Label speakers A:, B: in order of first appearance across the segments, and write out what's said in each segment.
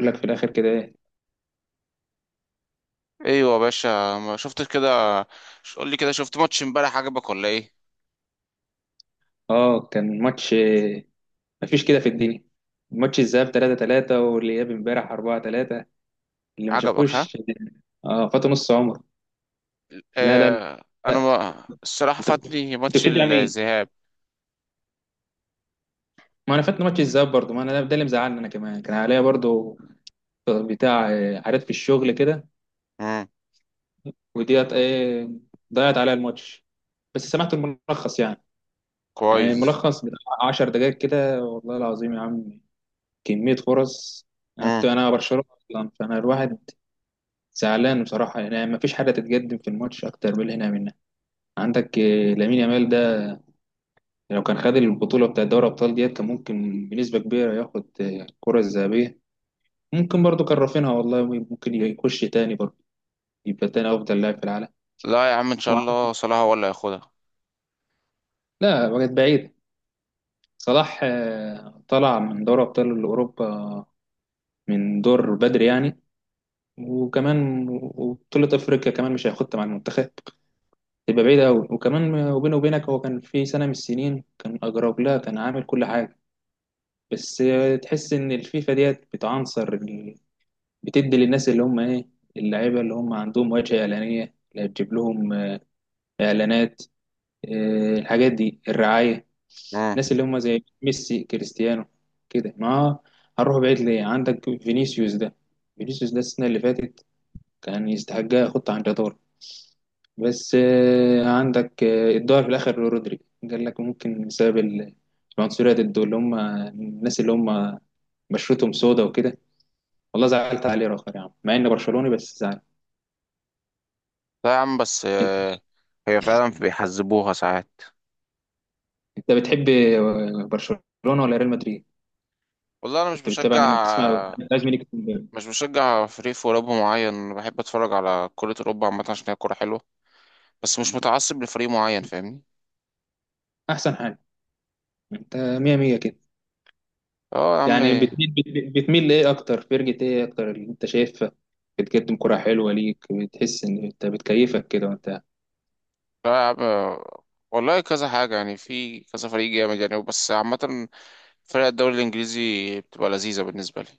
A: لك في الاخر كده ايه؟
B: ايوه يا باشا، ما شفتش كده. قول لي كده، شفت ماتش امبارح؟ عجبك ولا ايه؟
A: اه كان ماتش، مفيش كده في الدنيا. ماتش الذهاب 3-3 والاياب امبارح 4-3، اللي ما
B: عجبك ها؟
A: شافوش اه فاتوا نص عمر. لا لا لا.
B: آه، انا ما الصراحه
A: انت
B: فاتني
A: انت
B: ماتش
A: بتشجع مين؟
B: الذهاب.
A: ما انا فاتني ماتش الذهاب برضه، ما انا ده اللي مزعلني، انا كمان كان عليا برضه بتاع حاجات في الشغل كده.
B: امم
A: وديت ايه، ضيعت عليا الماتش. بس سمعت الملخص يعني. يعني
B: كويس.
A: الملخص بتاع 10 دقائق كده، والله العظيم يا عم، كمية فرص. انا كنت
B: امم
A: انا برشلونة اصلا، فانا الواحد زعلان بصراحة. يعني ما فيش حاجة تتقدم في الماتش أكتر من اللي هنا منها. عندك لامين يامال ده، لو كان خد البطولة بتاع دوري الأبطال ديت كان ممكن بنسبة كبيرة ياخد الكرة الذهبية. ممكن برضه كان رافينها والله، ممكن يخش تاني برضه، يبقى تاني أفضل لاعب في العالم.
B: لا يا عم، ان شاء
A: وع-
B: الله صلاح هو اللي هياخدها.
A: لا وقت بعيد. صلاح طلع من دوري أبطال أوروبا من دور بدري يعني. وكمان وبطولة أفريقيا كمان مش هياخدها مع المنتخب، تبقى بعيدة أوي. وكمان وبينه وبينك، هو كان في سنة من السنين كان أجرب لها، كان عامل كل حاجة، بس. تحس إن الفيفا ديت بتعنصر بتدي للناس اللي هم إيه، اللعيبة اللي هم عندهم واجهة إعلانية اللي هتجيب لهم إعلانات، الحاجات دي، الرعاية.
B: امم
A: الناس اللي هم زي ميسي، كريستيانو. كده، ما هنروح بعيد ليه، عندك فينيسيوس ده. فينيسيوس ده السنة اللي فاتت كان يستحق يحط عن جدار، بس. عندك الظهر في الاخر رودري، قال لك ممكن بسبب العنصريه ضده، اللي هم الناس اللي هم بشرتهم سودا وكده. والله زعلت عليه راخر يا عم، مع اني برشلوني بس زعلت.
B: لا يا عم بس
A: انت،
B: هي فعلا بيحذبوها ساعات.
A: بتحب برشلونه ولا ريال مدريد؟
B: والله انا مش
A: كنت بتتابع
B: بشجع،
A: مين، بتسمع لازم ليك؟
B: مش بشجع فريق في اوروبا معين. بحب اتفرج على كرة اوروبا عامه، عشان هي كوره حلوه. بس مش متعصب لفريق معين، فاهمني.
A: احسن حاجه، انت مية مية كده.
B: اه يا عم.
A: يعني بتميل، بتميل لايه اكتر؟ فرقة ايه اكتر اللي انت شايفها بتقدم كرة حلوة ليك، بتحس ان انت بتكيفك كده وانت؟
B: لا آه، والله كذا حاجة يعني، في كذا فريق جامد يعني، بس عامة فرق الدوري الإنجليزي بتبقى لذيذة بالنسبة لي.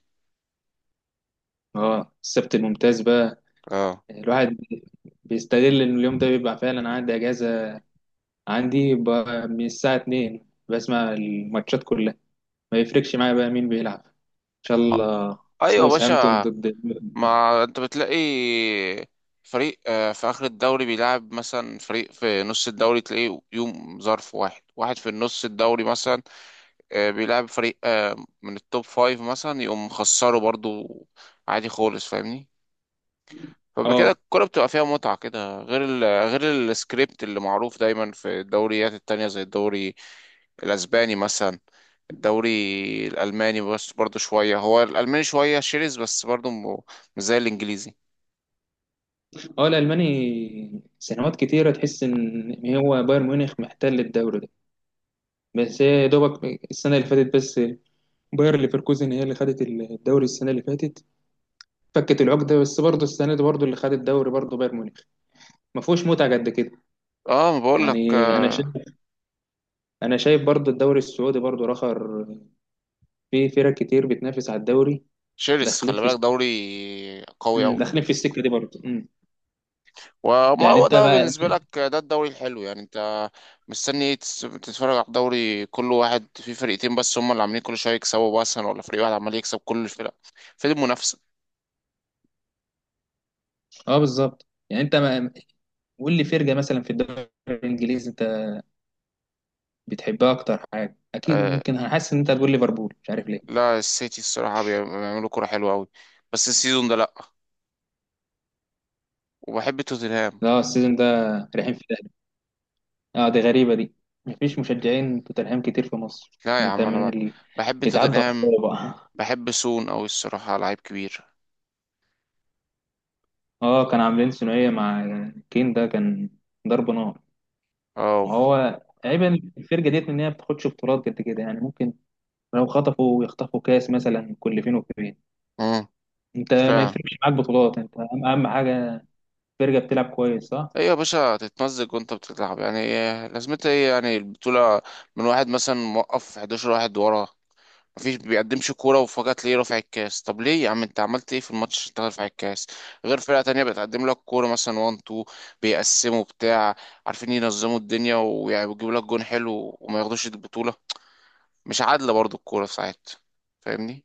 A: اه السبت الممتاز بقى،
B: اه.
A: الواحد بيستغل ان اليوم ده بيبقى فعلا عندي اجازة، عندي بقى من الساعة 2 بسمع الماتشات كلها، ما يفرقش معايا بقى مين بيلعب، ان شاء
B: آه،
A: الله.
B: أيوة يا
A: ساوثهامبتون
B: باشا،
A: ضد.
B: ما أنت بتلاقي فريق في آخر الدوري بيلعب مثلا، فريق في نص الدوري تلاقيه يوم ظرف واحد واحد في النص الدوري مثلا. بيلعب فريق من التوب فايف مثلا، يقوم خسره برضو عادي خالص، فاهمني. فبقى كده
A: اه
B: الكورة بتبقى فيها متعة كده، غير السكريبت اللي معروف دايما في الدوريات التانية زي الدوري الأسباني مثلا. الدوري الألماني بس برضه شوية، هو الألماني شوية شرس بس برضه مش زي الإنجليزي.
A: اه الالماني سنوات كتيره تحس ان هو بايرن ميونخ محتل الدوري ده، بس هي يا دوبك السنه اللي فاتت بس، باير ليفركوزن هي اللي خدت الدوري السنه اللي فاتت، فكت العقده. بس برضه السنه دي برضه اللي خد الدوري برضه بايرن ميونخ، ما فيهوش متعه قد كده
B: اه ما بقول لك
A: يعني. انا شايف انا شايف برضه الدوري السعودي برضه رخر، في فرق كتير بتنافس على الدوري،
B: شرس،
A: داخلين
B: خلي
A: في،
B: بالك دوري قوي أوي.
A: داخلين في السكه دي برضه. مم.
B: وما
A: يعني
B: هو
A: انت
B: ده
A: بقى،
B: بالنسبة لك ده الدوري الحلو يعني، انت مستني ايه؟ تتفرج على الدوري كل واحد فيه فرقتين بس هم اللي عاملين كل شوية يكسبوا مثلا، ولا فريق واحد عمال يكسب كل الفرق؟ فين المنافسة؟
A: اه بالظبط، يعني انت ما، قول لي فرقه مثلا في الدوري الانجليزي انت بتحبها اكتر حاجه، اكيد ممكن هحس ان انت هتقول ليفربول، مش عارف ليه.
B: لا، السيتي الصراحة بيعملوا كرة حلوة أوي، بس السيزون ده لأ. وبحب توتنهام.
A: لا السيزون ده رايحين في، اه دي غريبة دي، مفيش مشجعين توتنهام كتير في مصر،
B: لا يا
A: انت
B: عم،
A: من اللي
B: بحب
A: بيتعدى
B: توتنهام،
A: على بقى.
B: بحب سون أوي الصراحة، لعيب كبير.
A: اه كان عاملين ثنائية مع كين، ده كان ضرب نار.
B: أو
A: وهو عيب الفرقة ديت ان هي ما بتاخدش بطولات قد كده، يعني ممكن لو خطفوا يخطفوا كاس مثلا كل فين وفين.
B: مم.
A: انت ما
B: فعلا.
A: يفرقش معاك بطولات، انت اهم أهم حاجة فرقة بتلعب كويس، صح؟
B: إيه يا باشا، تتمزج وأنت بتلعب يعني، إيه لازمتها إيه يعني البطولة؟ من واحد مثلا، موقف 11 واحد ورا، مفيش بيقدمش كورة، وفجأة تلاقيه رافع الكاس. طب ليه يا عم؟ انت عملت ايه في الماتش عشان تاخد رافع الكاس؟ غير فرقة تانية بتقدم لك كورة مثلا، وان تو بيقسموا بتاع، عارفين ينظموا الدنيا ويعني بيجيبوا لك جون حلو وما ياخدوش البطولة. مش عادلة برضو الكورة في ساعات، فاهمني.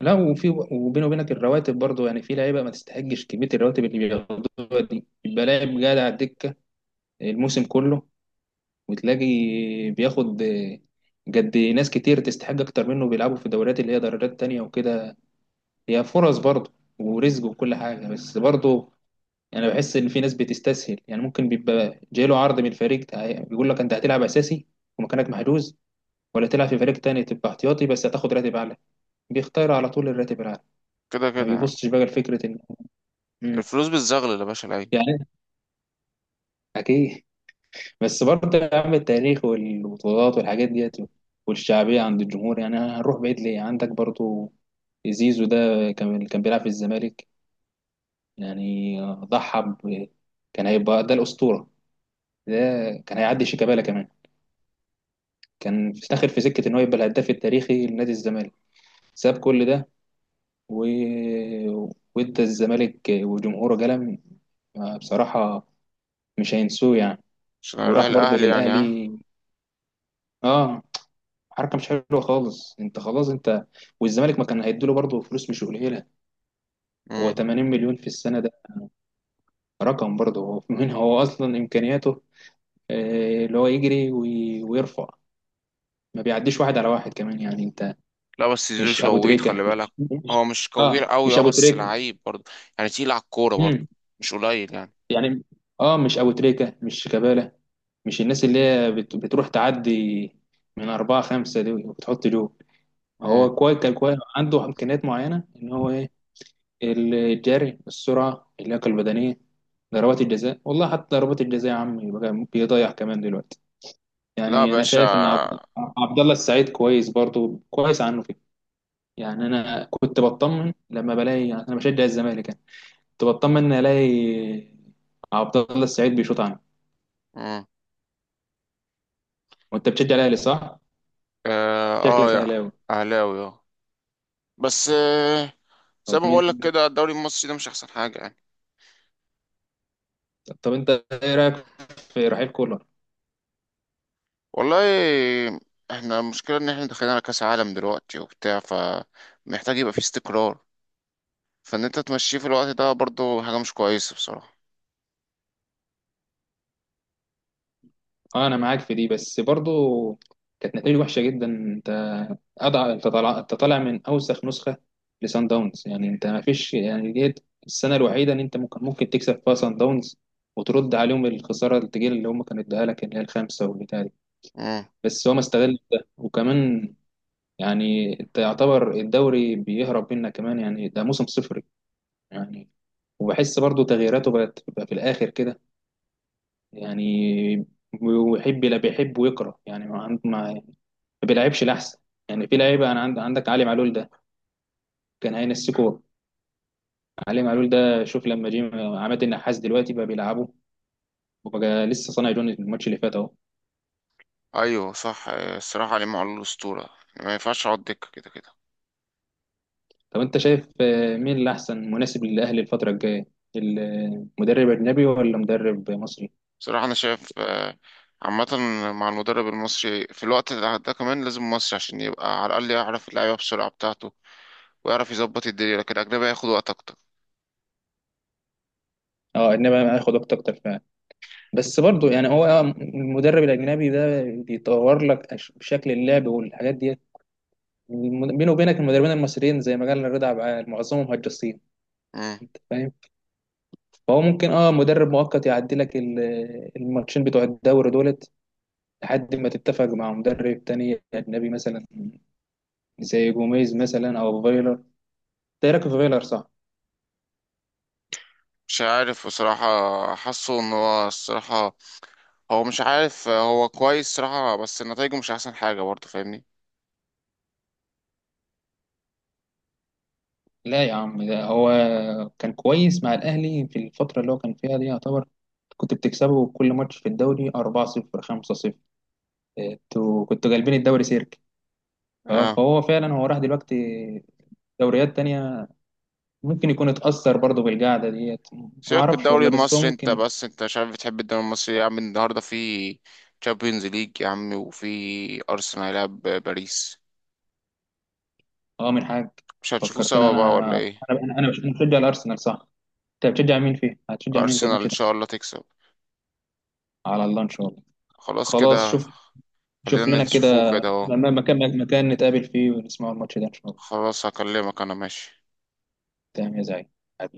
A: لا وفي وبيني وبينك الرواتب برضه، يعني في لعيبه ما تستحقش كميه الرواتب اللي بياخدوها دي، يبقى لاعب قاعد على الدكه الموسم كله، وتلاقي بياخد جد. ناس كتير تستحق أكتر منه بيلعبوا في دوريات اللي هي دوريات تانية وكده، هي فرص برضه ورزق وكل حاجة، بس برضه أنا بحس إن في ناس بتستسهل، يعني ممكن بيبقى جايله عرض من فريق، بيقول لك أنت هتلعب أساسي ومكانك محجوز، ولا تلعب في فريق تاني تبقى احتياطي بس هتاخد راتب أعلى، بيختار على طول الراتب الأعلى،
B: كده
A: ما
B: كده يعني.
A: بيبصش بقى لفكرة إن. مم.
B: الفلوس بتزغلل يا باشا العين.
A: يعني أكيد، بس برضه يا عم التاريخ والبطولات والحاجات ديت والشعبية عند الجمهور، يعني هنروح بعيد ليه، عندك برضه زيزو ده كان بيلعب في الزمالك، يعني ضحى كان هيبقى ده الأسطورة ده، كان هيعدي شيكابالا كمان، كان داخل في سكة إن هو يبقى الهداف التاريخي لنادي الزمالك، ساب كل ده و... وإدى الزمالك وجمهوره قلم بصراحة، مش هينسوه يعني.
B: عشان اروح
A: وراح برضه
B: الاهلي يعني ها.
A: للأهلي، اه، حركه مش حلوه خالص، انت خلاص انت، والزمالك ما كان هيديله برضه فلوس مش قليله، هو
B: مم.
A: 80 مليون في السنه ده، رقم برضه هو. من هو اصلا امكانياته اللي هو يجري ويرفع، ما بيعديش واحد على واحد كمان، يعني انت
B: لا بس زيزو
A: مش ابو
B: شويت خلي
A: تريكه،
B: بالك،
A: مش مش،
B: هو مش كوير
A: اه
B: قوي
A: مش
B: اه،
A: ابو
B: بس
A: تريكه.
B: لعيب برضو، يعني تقيل على الكورة برضو،
A: امم
B: مش قليل يعني.
A: يعني اه مش ابو تريكه، مش شيكابالا، مش الناس اللي هي بتروح تعدي من أربعة خمسة دي وبتحط جول.
B: مم.
A: هو كويس، كان كويس، عنده إمكانيات معينة إن هو إيه، الجري، السرعة، اللياقة البدنية، ضربات الجزاء، والله حتى ضربات الجزاء يا عم بقى بيضيع كمان دلوقتي.
B: لا يا
A: يعني انا
B: باشا.
A: شايف ان عبد الله السعيد كويس برضو، كويس عنه كده. يعني انا كنت بطمن لما بلاقي، يعني انا بشجع الزمالك يعني، كنت بطمن ان الاقي عبد الله السعيد بيشوط عنه.
B: مم.
A: وانت بتشجع الاهلي، صح؟
B: اه, آه
A: شكلك
B: يا
A: اهلاوي.
B: اهلاوي اه. بس آه، زي
A: طب
B: ما
A: مين،
B: بقول لك كده، الدوري المصري ده مش احسن حاجه يعني.
A: طب انت ايه رايك في رحيل كولر؟
B: والله احنا المشكله ان احنا داخلين على كاس عالم دلوقتي وبتاع، فمحتاج يبقى فيه استقرار. فان انت تمشيه في الوقت ده برضو حاجه مش كويسه بصراحه.
A: اه انا معاك في دي، بس برضو كانت نتيجة وحشة جدا، انت اضع، انت طالع من اوسخ نسخة لسان داونز، يعني انت ما فيش يعني ديت السنة الوحيدة ان انت ممكن، تكسب فيها سان داونز وترد عليهم الخسارة التجيل اللي هم كانوا اداها لك اللي هي الخامسة والبتاع دي،
B: امم
A: بس هو ما استغل ده وكمان. يعني انت يعتبر الدوري بيهرب منك كمان، يعني ده موسم صفري يعني. وبحس برضو تغييراته بقت بقى في الاخر كده يعني، ويحب، لا بيحب ويكره يعني، ما عنده، ما بيلعبش الاحسن. يعني في لعيبه انا عندك علي معلول ده، كان هينسكوه. علي معلول ده شوف لما جه عماد النحاس دلوقتي بقى بيلعبه، وبقى لسه صانع جون الماتش اللي فات اهو.
B: ايوه صح، الصراحه علي معلول الاسطوره ما ينفعش اقعد دكه كده كده.
A: طب انت شايف مين اللي احسن مناسب للاهلي الفتره الجايه؟ المدرب اجنبي ولا مدرب مصري؟
B: بصراحه انا شايف آه، عامة مع المدرب المصري في الوقت ده، ده كمان لازم مصري عشان يبقى على الأقل يعرف اللعيبة بسرعة بتاعته، ويعرف يظبط الدنيا. لكن الأجنبي هياخد وقت أكتر.
A: اه اجنبي هياخد وقت اكتر فعلا، بس برضه يعني هو المدرب الاجنبي ده بيطور لك شكل اللعب والحاجات ديت. بينه وبينك المدربين المصريين زي ما قال رضا عبد العال معظمهم هجاصين،
B: مم.
A: فاهم. فهو ممكن مدرب مؤقت يعدي لك الماتشين بتوع الدوري دولت، لحد ما تتفق مع مدرب تاني اجنبي مثلا، زي جوميز مثلا او فايلر. ده راكب فايلر، صح؟
B: مش عارف بصراحة، حاسه إن هو الصراحة هو مش عارف، هو كويس صراحة بس نتايجه مش أحسن حاجة برضه، فاهمني.
A: لا يا عم ده هو كان كويس مع الاهلي في الفتره اللي هو كان فيها دي يعتبر، كنت بتكسبه كل ماتش في الدوري 4-0، 5-0، انتوا كنتوا جالبين الدوري سيرك.
B: اه،
A: فهو فعلا هو راح دلوقتي دوريات تانية، ممكن يكون اتأثر برضه بالقعدة ديت، ما
B: سيبك من
A: أعرفش
B: الدوري
A: والله، بس هو
B: المصري انت،
A: ممكن
B: بس انت مش عارف بتحب الدوري المصري إيه يا عم! النهاردة في تشامبيونز ليج يا عم، وفي أرسنال هيلعب باريس.
A: اه من حاج.
B: مش هنشوفوه
A: فكرتني
B: سوا بقى
A: انا،
B: ولا ايه؟
A: أنا بشجع الارسنال، صح؟ انت بتشجع مين فيه، هتشجع مين في
B: أرسنال
A: الماتش
B: إن
A: ده؟
B: شاء الله تكسب.
A: على الله ان شاء الله.
B: خلاص
A: خلاص
B: كده،
A: شوف، شوف
B: خلينا
A: لنا كده،
B: نشوفوه كده اهو.
A: مكان نتقابل فيه ونسمع الماتش ده ان شاء الله.
B: خلاص هكلمك أنا ماشي.
A: تمام يا زعيم، حبيبي.